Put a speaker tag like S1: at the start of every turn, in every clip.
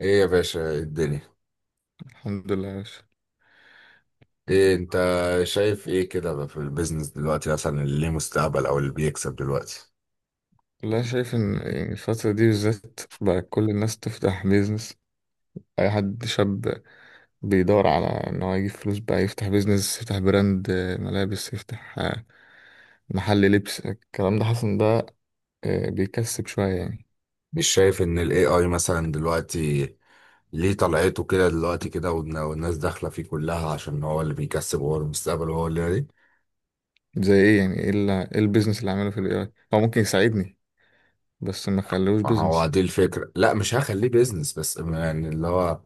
S1: ايه يا باشا، إيه الدنيا؟
S2: الحمد لله يا باشا.
S1: ايه انت؟ شايف ايه كده بقى في البيزنس دلوقتي مثلا؟ اللي ليه مستقبل او اللي بيكسب دلوقتي؟
S2: والله شايف ان يعني الفترة دي بالذات بقى كل الناس تفتح بيزنس، اي حد شاب بيدور على ان هو يجيب فلوس بقى يفتح بيزنس، يفتح براند ملابس، يفتح محل لبس، الكلام ده حاسس ان ده بيكسب شوية يعني.
S1: مش شايف ان الاي اي مثلا دلوقتي ليه طلعته كده دلوقتي كده والناس داخله فيه كلها عشان هو اللي بيكسب وهو المستقبل وهو اللي دي.
S2: زي ايه يعني؟ ايه إيه البيزنس اللي عامله في الاي اي هو ممكن يساعدني؟ بس ما خلوش
S1: ما هو
S2: بيزنس.
S1: دي الفكره، لا مش هخليه بيزنس بس يعني اللي هو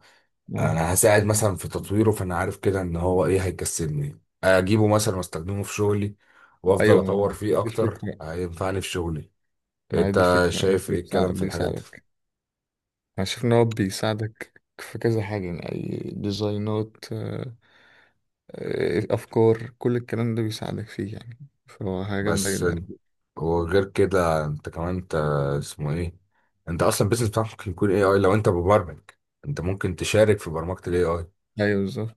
S2: آه.
S1: انا هساعد مثلا في تطويره، فانا عارف كده ان هو ايه هيكسبني، اجيبه مثلا واستخدمه في شغلي وافضل
S2: ايوه ما هو
S1: اطور فيه
S2: دي
S1: اكتر
S2: الفكرة،
S1: هينفعني في شغلي.
S2: ما هي دي
S1: انت
S2: الفكرة يعني
S1: شايف ايه الكلام في الحاجات دي؟
S2: بيساعدك. انا شايف ان هو بيساعدك في كذا حاجة يعني اي ديزاينات، افكار، كل الكلام ده بيساعدك فيه يعني، فهو حاجة جامدة
S1: بس
S2: جدا.
S1: وغير كده انت كمان انت اسمه ايه، انت اصلا البيزنس بتاعك ممكن يكون اي اي لو انت مبرمج، انت ممكن تشارك في برمجة الاي اي.
S2: ايوه بالظبط،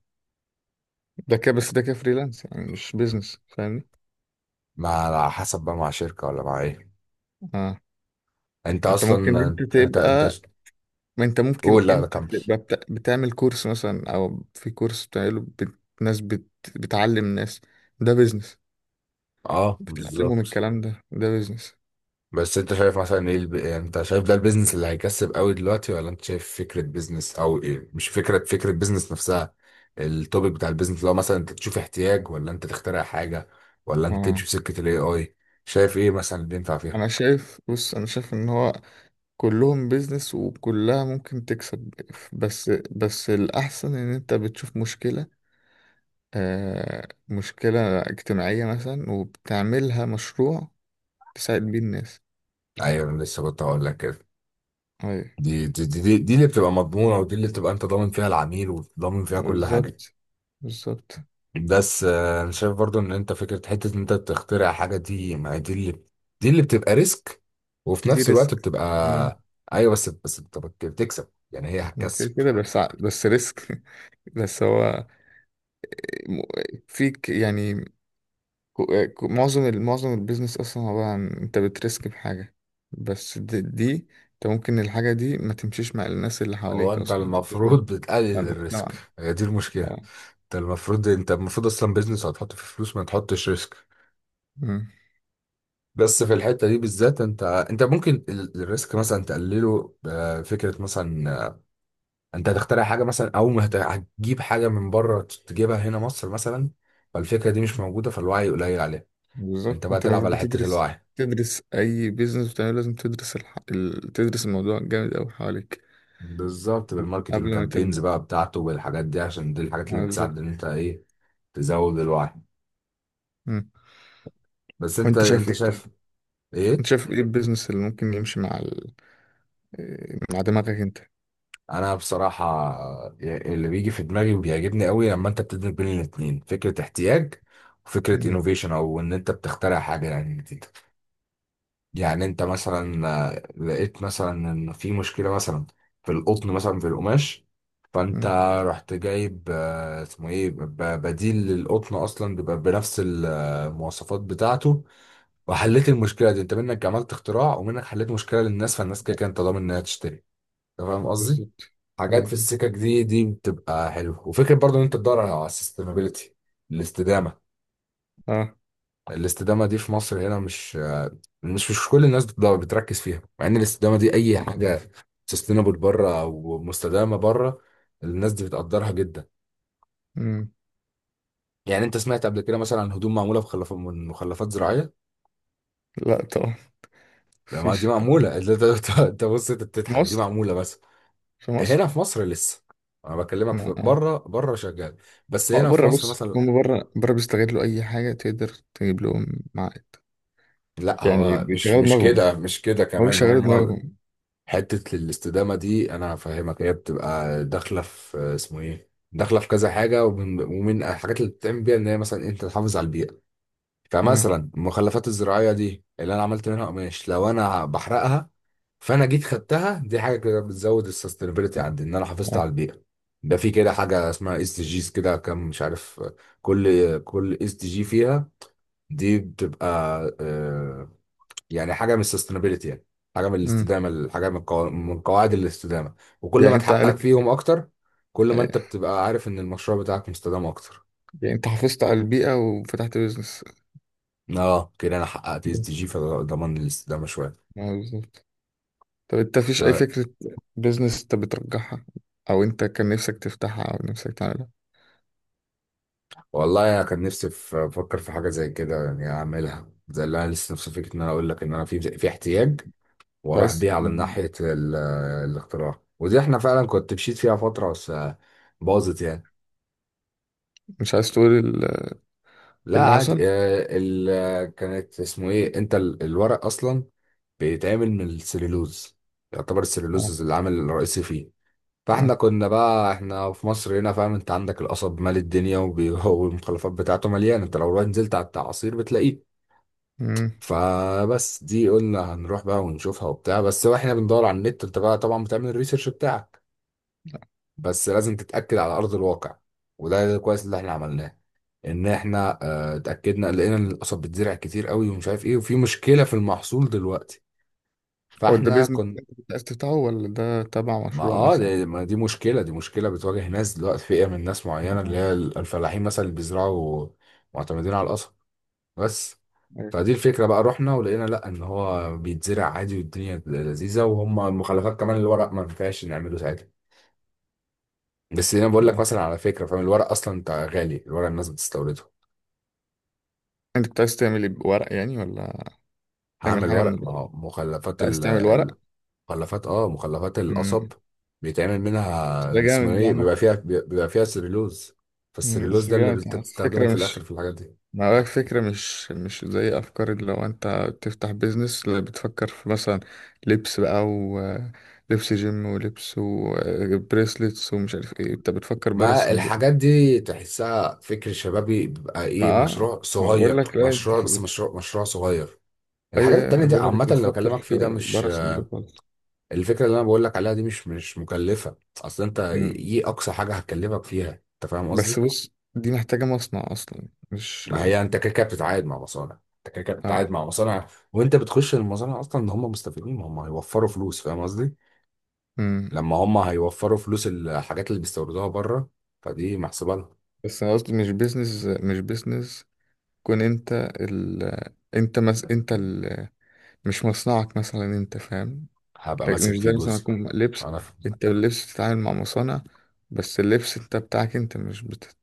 S2: ده كده بس، ده كده فريلانس يعني مش بيزنس، فاهمني؟
S1: مع على حسب بقى، مع شركة ولا مع ايه؟
S2: اه.
S1: انت
S2: انت ممكن
S1: اصلا
S2: انت
S1: انت...
S2: تبقى، ما انت ممكن
S1: قول، لا لا
S2: انت
S1: كمل.
S2: تبقى بتعمل كورس مثلا، او في كورس بتعمله ناس بتعلم ناس، ده بيزنس.
S1: اه
S2: بتعلمهم
S1: بالظبط.
S2: الكلام ده، ده بيزنس.
S1: بس انت شايف مثلا ايه الب...؟ يعني انت شايف ده البيزنس اللي هيكسب قوي دلوقتي، ولا انت شايف فكرة بيزنس او ايه؟ مش فكرة، فكرة بيزنس نفسها، التوبيك بتاع البيزنس. لو مثلا انت تشوف احتياج، ولا انت تخترع حاجة، ولا انت
S2: اه.
S1: تمشي في سكة الاي اي؟ شايف ايه مثلا اللي ينفع فيها؟
S2: انا شايف، بص انا شايف ان هو كلهم بيزنس وكلها ممكن تكسب، بس الأحسن إن أنت بتشوف مشكلة، آه مشكلة اجتماعية مثلا وبتعملها مشروع تساعد بيه الناس.
S1: ايوه، انا لسه كنت هقول لك كده.
S2: أيوة.
S1: دي اللي بتبقى مضمونة، ودي اللي بتبقى انت ضامن فيها العميل وضامن فيها كل حاجة.
S2: بالظبط، بالظبط.
S1: بس انا شايف برضو ان انت فكره حته ان انت بتخترع حاجه، دي ما هي دي اللي، دي اللي بتبقى ريسك وفي
S2: دي
S1: نفس الوقت
S2: ريسك، ما
S1: بتبقى... ايوه بس بس انت بتكسب، يعني هي
S2: ما كده
S1: هتكسب.
S2: كده بس بس ريسك. بس هو م- فيك يعني. معظم معظم البيزنس اصلا عباره عن انت بترسك بحاجه، بس دي انت ممكن الحاجه دي ما تمشيش مع الناس اللي
S1: هو
S2: حواليك
S1: انت
S2: اصلا، ما تمشيش مع
S1: المفروض
S2: مع
S1: بتقلل الريسك،
S2: المجتمع.
S1: هي دي المشكله.
S2: اه.
S1: انت المفروض انت المفروض اصلا بيزنس هتحط فيه فلوس ما تحطش ريسك.
S2: أمم.
S1: بس في الحته دي بالذات انت انت ممكن الريسك مثلا تقلله، فكره مثلا انت هتخترع حاجه مثلا، او ما هتجيب حاجه من بره تجيبها هنا مصر مثلا. فالفكره دي مش موجوده، فالوعي قليل عليها. انت
S2: بالظبط،
S1: بقى
S2: انت
S1: تلعب على
S2: المفروض
S1: حته
S2: تدرس،
S1: الوعي.
S2: تدرس اي بيزنس بتعمله لازم تدرس تدرس الموضوع جامد قوي حواليك
S1: بالظبط، بالماركتينج
S2: قبل ما
S1: كامبينز
S2: تبدا.
S1: بقى بتاعته والحاجات دي، عشان دي الحاجات اللي
S2: آه،
S1: بتساعد
S2: بالظبط.
S1: ان انت ايه تزود الوعي.
S2: أمم.
S1: بس انت
S2: وانت شايف
S1: انت
S2: ايه
S1: شايف
S2: طيب؟ انت
S1: ايه؟
S2: شايف ايه البيزنس اللي ممكن يمشي مع مع دماغك انت؟
S1: انا بصراحه اللي بيجي في دماغي وبيعجبني قوي لما انت بتدمج بين الاثنين، فكره احتياج وفكره
S2: أمم.
S1: انوفيشن، او ان انت بتخترع حاجه يعني. يعني انت مثلا لقيت مثلا ان في مشكله مثلا في القطن مثلا، في القماش، فانت
S2: أمم.
S1: رحت جايب اسمه ايه بديل للقطن اصلا بيبقى بنفس المواصفات بتاعته، وحليت المشكله دي. انت منك عملت اختراع ومنك حليت مشكله للناس، فالناس كده كده انت ضامن انها تشتري. انت فاهم قصدي؟
S2: بالظبط.
S1: حاجات في
S2: ايوه.
S1: السكك دي دي بتبقى حلوه، وفكره برضو ان انت تدور على السستينابيلتي، الاستدامه.
S2: اه.
S1: الاستدامه دي في مصر هنا مش، مش كل الناس بتركز فيها، مع ان الاستدامه دي اي حاجه سستينابل بره او مستدامه بره الناس دي بتقدرها جدا.
S2: أمم.
S1: يعني انت سمعت قبل كده مثلا عن هدوم معموله من مخلفات زراعيه؟
S2: لا طبعا،
S1: لا، ما
S2: مفيش
S1: دي
S2: الكلام
S1: معموله انت انت بص، انت
S2: في
S1: بتضحك، دي
S2: مصر،
S1: معموله. بس
S2: في مصر.
S1: هنا في مصر لسه، انا بكلمك
S2: ما
S1: في بره، بره شغال. بس
S2: هو
S1: هنا في
S2: بره،
S1: مصر
S2: بص
S1: مثلا،
S2: هم بره بره بيستغلوا اي حاجه تقدر تجيب لهم عائد،
S1: لا
S2: يعني
S1: هو مش
S2: بيشغلوا
S1: مش
S2: دماغهم،
S1: كده، مش كده
S2: هو
S1: كمان
S2: بيشغلوا
S1: هم.
S2: دماغهم.
S1: حتة الاستدامة دي أنا هفهمك، هي بتبقى داخلة في اسمه إيه؟ داخلة في كذا حاجة، ومن الحاجات اللي بتتعمل بيها إن هي مثلا أنت تحافظ على البيئة.
S2: آه،
S1: فمثلا المخلفات الزراعية دي اللي أنا عملت منها قماش، لو أنا بحرقها، فأنا جيت خدتها، دي حاجة كده بتزود السستينابيلتي عندي، إن أنا حافظت
S2: آه،
S1: على البيئة. ده في كده حاجة اسمها اس دي جيز كده، كام مش عارف، كل كل اس دي جي فيها دي بتبقى آه، يعني حاجه من السستينابيلتي يعني، حاجه من
S2: مم.
S1: الاستدامه، حاجه من من قواعد الاستدامه. وكل
S2: يعني
S1: ما
S2: انت
S1: تحقق
S2: عارف.
S1: فيهم اكتر، كل ما انت
S2: آه،
S1: بتبقى عارف ان المشروع بتاعك مستدام اكتر.
S2: يعني انت حافظت على البيئه وفتحت بيزنس.
S1: اه، كده انا حققت اس دي جي فضمان الاستدامه شويه.
S2: آه، بالظبط. طب انت مفيش اي
S1: آه،
S2: فكره بيزنس انت بترجحها، او انت كان نفسك تفتحها او نفسك تعملها؟
S1: والله انا كان نفسي افكر في حاجه زي كده يعني، اعملها زي اللي انا لسه نفسي فيك ان انا اقول لك ان انا في في احتياج،
S2: مش
S1: واروح
S2: عايز.
S1: بيه على
S2: مم.
S1: ناحيه الاختراع. ودي احنا فعلا كنت مشيت فيها فتره، بس باظت يعني.
S2: مش عايز تقول
S1: لا
S2: اللي
S1: عادي،
S2: حصل؟
S1: آه، ال... آه، كانت اسمه ايه انت الورق اصلا بيتعمل من السليلوز، يعتبر السليلوز
S2: اه.
S1: العامل الرئيسي فيه. فاحنا
S2: اه.
S1: كنا بقى، احنا في مصر هنا فاهم، انت عندك القصب مال الدنيا والمخلفات بتاعته مليانه، انت لو رحت نزلت على التعاصير بتلاقيه.
S2: مم.
S1: فبس دي قلنا هنروح بقى ونشوفها وبتاع، بس واحنا بندور على النت، انت بقى طبعا بتعمل الريسيرش بتاعك، بس لازم تتأكد على ارض الواقع. وده كويس اللي احنا عملناه، ان احنا اتاكدنا، لقينا ان القصب بتزرع كتير قوي ومش عارف ايه، وفي مشكله في المحصول دلوقتي.
S2: هو ده
S1: فاحنا
S2: بيزنس
S1: كنا،
S2: انت كنت عايز تفتحه ولا ده تبع
S1: ما
S2: مشروع
S1: اه
S2: مثلا؟
S1: ما دي مشكله، دي مشكله بتواجه ناس دلوقتي، فئه من ناس معينه اللي
S2: آه،
S1: هي الفلاحين مثلا، اللي بيزرعوا معتمدين على القصب. بس
S2: أيوة.
S1: فدي الفكره بقى، رحنا ولقينا لا ان هو بيتزرع عادي والدنيا لذيذه، وهم المخلفات كمان الورق ما ينفعش نعمله ساعتها. بس انا بقول لك
S2: آه.
S1: مثلا على فكره، فاهم الورق اصلا انت غالي، الورق الناس بتستورده.
S2: انت كنت عايز تعمل ايه بورق يعني، ولا تعمل
S1: هعمل
S2: حاجة من
S1: ورق ما
S2: الورق؟
S1: هو
S2: كنت
S1: مخلفات،
S2: عايز تعمل ورق؟
S1: مخلفات اه مخلفات
S2: مم.
S1: القصب بيتعمل
S2: ده
S1: منها اسمه
S2: جامد، ده
S1: ايه،
S2: عامة.
S1: بيبقى فيها بيبقى فيها سليلوز.
S2: مم،
S1: فالسليلوز
S2: بس
S1: ده اللي
S2: جامد يعني،
S1: بتستخدمه
S2: الفكرة
S1: في
S2: مش،
S1: الاخر في الحاجات دي.
S2: ما بالك، فكرة مش مش زي أفكار اللي لو أنت تفتح بيزنس، اللي بتفكر في مثلا لبس بقى، ولبس جيم ولبس وبريسلتس ومش عارف ايه. أنت بتفكر برا
S1: ما
S2: الصندوق.
S1: الحاجات دي تحسها فكر شبابي، بيبقى
S2: ما
S1: ايه مشروع
S2: ما بقول
S1: صغير،
S2: لك، لا أنت
S1: مشروع بس مشروع مشروع صغير.
S2: اي
S1: الحاجات
S2: أي،
S1: التانية
S2: أنا
S1: دي
S2: بقولك
S1: عامة
S2: انت
S1: اللي
S2: بتفكر
S1: بكلمك فيه ده
S2: في
S1: مش...
S2: بره الصندوق خالص.
S1: الفكرة اللي انا بقول لك عليها دي مش مش مكلفة اصل، انت
S2: أمم.
S1: ايه اقصى حاجة هتكلفك فيها؟ انت فاهم
S2: بس
S1: قصدي؟
S2: بص، دي محتاجة مصنع اصلا مش.
S1: ما هي انت كده كده بتتعاقد مع مصانع، انت كده كده
S2: اه.
S1: بتتعاقد مع مصانع. وانت بتخش المصانع اصلا ان هم مستفيدين، ما هم هيوفروا فلوس، فاهم قصدي؟
S2: أمم.
S1: لما هم هيوفروا فلوس الحاجات اللي بيستوردوها بره، فدي محسوبه لهم.
S2: بس انا قصدي مش بيزنس، مش بيزنس كون انت انت انت مش مصنعك مثلا، انت فاهم؟
S1: هبقى
S2: لكن مش
S1: ماسك فيه
S2: زي مثلا
S1: جزء.
S2: يكون لبس،
S1: انا ف...
S2: انت اللبس بتتعامل مع مصانع، بس اللبس انت بتاعك انت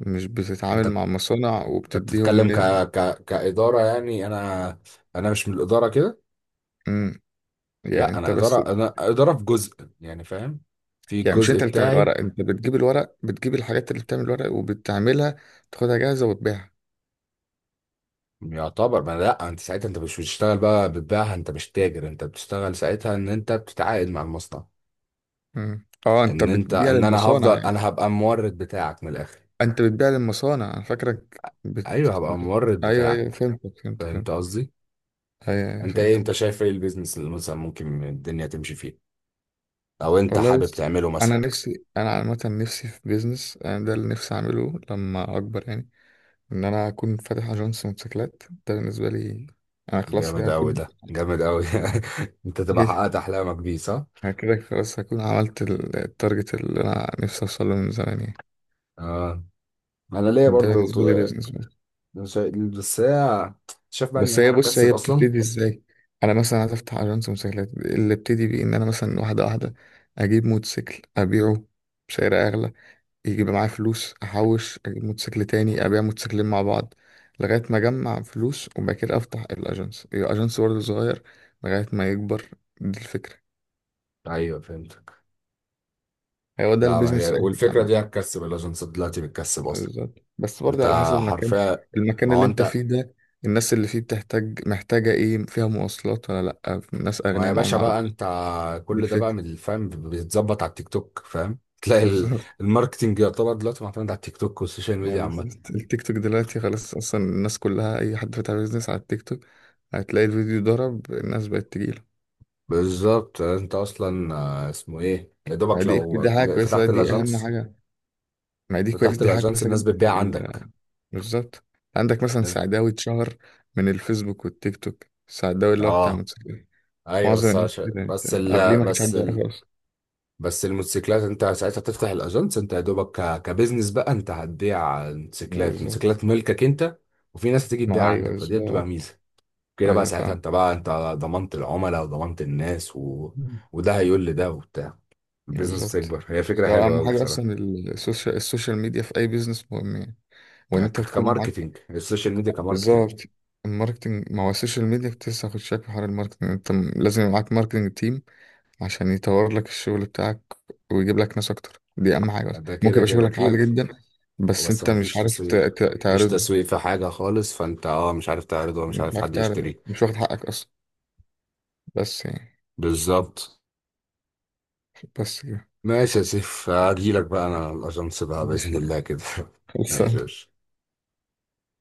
S2: مش
S1: انت
S2: بتتعامل
S1: انت
S2: مع مصانع وبتديهم
S1: بتتكلم
S2: نسبة.
S1: كاداره يعني، انا انا مش من الاداره كده.
S2: أمم. يعني
S1: لا
S2: انت
S1: انا
S2: بس.
S1: اداره، انا اداره في جزء يعني فاهم، في
S2: يعني مش
S1: الجزء
S2: انت اللي بتعمل
S1: بتاعي.
S2: الورق، انت بتجيب الورق، بتجيب الحاجات اللي بتعمل الورق وبتعملها تاخدها جاهزة وتبيعها.
S1: يعتبر ما لا انت ساعتها انت مش بتشتغل بقى بتبيعها، انت مش تاجر، انت بتشتغل ساعتها ان انت بتتعاقد مع المصنع.
S2: مم. اه، انت
S1: ان انت
S2: بتبيع
S1: ان انا
S2: للمصانع
S1: هفضل،
S2: يعني.
S1: انا هبقى المورد بتاعك من الاخر.
S2: انت بتبيع للمصانع، انا فاكرك
S1: ايوه هبقى المورد
S2: ايوه ايوه،
S1: بتاعك.
S2: فهمتك فهمتك
S1: فهمت
S2: فهمتك.
S1: قصدي؟
S2: ايوه ايوه
S1: انت ايه انت
S2: فهمتك.
S1: شايف ايه البيزنس اللي مثلا ممكن الدنيا تمشي فيه، او انت
S2: والله
S1: حابب
S2: بس،
S1: تعمله مثلا؟
S2: انا نفسي، انا عامة نفسي في بيزنس، انا ده اللي نفسي اعمله لما اكبر يعني، ان انا اكون فاتح اجنس موتوسيكلات. ده بالنسبة لي انا خلاص
S1: جامد
S2: كده
S1: قوي،
S2: هكون.
S1: ده جامد قوي. انت تبقى
S2: ايه.
S1: حققت احلامك بيه، صح؟
S2: أنا كده خلاص هكون عملت التارجت اللي انا نفسي اوصله من زمان يعني.
S1: اه، انا ليا
S2: ده
S1: برضو
S2: بالنسبة لي بيزنس. بس
S1: شا- بس هي، شايف بقى ان
S2: بس
S1: هي
S2: هي، بص هي
S1: هتكسب اصلا؟
S2: بتبتدي ازاي؟ انا مثلا عايز افتح اجنس موتوسيكلات، اللي ابتدي بيه ان انا مثلا واحدة واحدة اجيب موتوسيكل ابيعه بسعر اغلى، يجيب معايا فلوس احوش اجيب موتوسيكل تاني، ابيع موتوسيكلين مع بعض لغاية ما اجمع فلوس، وبعد كده افتح الاجنس، يبقى اجنس برضه صغير لغاية ما يكبر. دي الفكرة.
S1: ايوه فهمتك.
S2: هو ده
S1: لا ما
S2: البيزنس
S1: هي
S2: في اي
S1: والفكره دي
S2: حتة.
S1: هتكسب، الاجنسات دلوقتي بتكسب
S2: آه،
S1: اصلا.
S2: بالظبط، بس برضه
S1: انت
S2: على حسب المكان،
S1: حرفيا،
S2: المكان
S1: ما هو
S2: اللي انت
S1: انت،
S2: فيه ده، الناس اللي فيه بتحتاج محتاجة ايه، فيها مواصلات ولا لأ، ناس
S1: ما يا
S2: أغنياء
S1: باشا
S2: معاهم
S1: بقى
S2: عربية.
S1: انت
S2: دي
S1: كل ده بقى
S2: الفكرة،
S1: من الفهم بيتظبط على التيك توك، فاهم؟ تلاقي
S2: بالظبط.
S1: الماركتينج يعتبر دلوقتي معتمد على التيك توك والسوشيال
S2: يعني
S1: ميديا عامة.
S2: بالظبط. التيك توك دلوقتي خلاص أصلا، الناس كلها أي حد فاتح بيزنس على التيك توك هتلاقي الفيديو ضرب، الناس بقت تجيله.
S1: بالظبط، انت اصلا اسمه ايه يا
S2: ما
S1: دوبك
S2: دي
S1: لو
S2: حاجة كويسة،
S1: فتحت
S2: دي أهم
S1: الاجانس،
S2: حاجة. ما دي كويس،
S1: فتحت
S2: دي حاجة
S1: الاجانس
S2: كويسة
S1: الناس
S2: جدا في
S1: بتبيع عندك،
S2: بالظبط. عندك مثلا
S1: الناس
S2: سعداوي اتشهر من الفيسبوك والتيك توك، السعداوي اللي هو بتاع
S1: اه.
S2: موتوسيكلات،
S1: ايوه
S2: معظم
S1: بس
S2: الناس
S1: عش...
S2: كده. انت
S1: بس
S2: قبليه
S1: ال...
S2: ما كانش
S1: بس
S2: حد
S1: ال...
S2: يعرفه.
S1: بس الموتوسيكلات انت ساعتها تفتح الاجانس، انت يا دوبك كبزنس بقى، انت هتبيع موتوسيكلات،
S2: بالظبط،
S1: موتوسيكلات ملكك انت، وفي ناس هتيجي تبيع
S2: ما أيوه
S1: عندك، فدي بتبقى
S2: بالظبط.
S1: ميزة. كده بقى
S2: أيوه
S1: ساعتها
S2: فعلا.
S1: انت بقى انت ضمنت العملاء وضمنت الناس و...
S2: مم.
S1: وده هيقول لده وبتاع، البيزنس
S2: بالظبط.
S1: بتكبر. هي فكرة
S2: ده
S1: حلوة
S2: أهم
S1: قوي
S2: حاجة
S1: بصراحة.
S2: أصلا، السوشيال، السوشيال ميديا في أي بيزنس مهم يعني، وإن
S1: يعني
S2: أنت تكون
S1: كماركتينج،
S2: معاك.
S1: السوشيال ميديا كماركتينج.
S2: بالظبط. الماركتنج، ما هو السوشيال ميديا كنت لسه هاخد شكل في حوار الماركتنج، أنت لازم يبقى معاك ماركتنج تيم عشان يطور لك الشغل بتاعك ويجيب لك ناس أكتر، دي أهم حاجة أصلا،
S1: ده
S2: ممكن
S1: كده
S2: يبقى
S1: كده
S2: شغلك
S1: في...
S2: عالي جدا بس
S1: بس
S2: أنت
S1: ما
S2: مش
S1: فيش
S2: عارف
S1: تسويق، مفيش
S2: تعرضه.
S1: تسويق في حاجة خالص، فانت اه مش عارف تعرضه ومش
S2: مش
S1: عارف
S2: عارف
S1: حد
S2: تعرض،
S1: يشتريه.
S2: مش واخد حقك أصلا. بس يعني،
S1: بالظبط.
S2: بس كده.
S1: ماشي يا سيف، هجيلك بقى انا الاجنس بقى
S2: ماشي.
S1: بإذن الله كده. ماشي
S2: خلصان.
S1: يا باشا.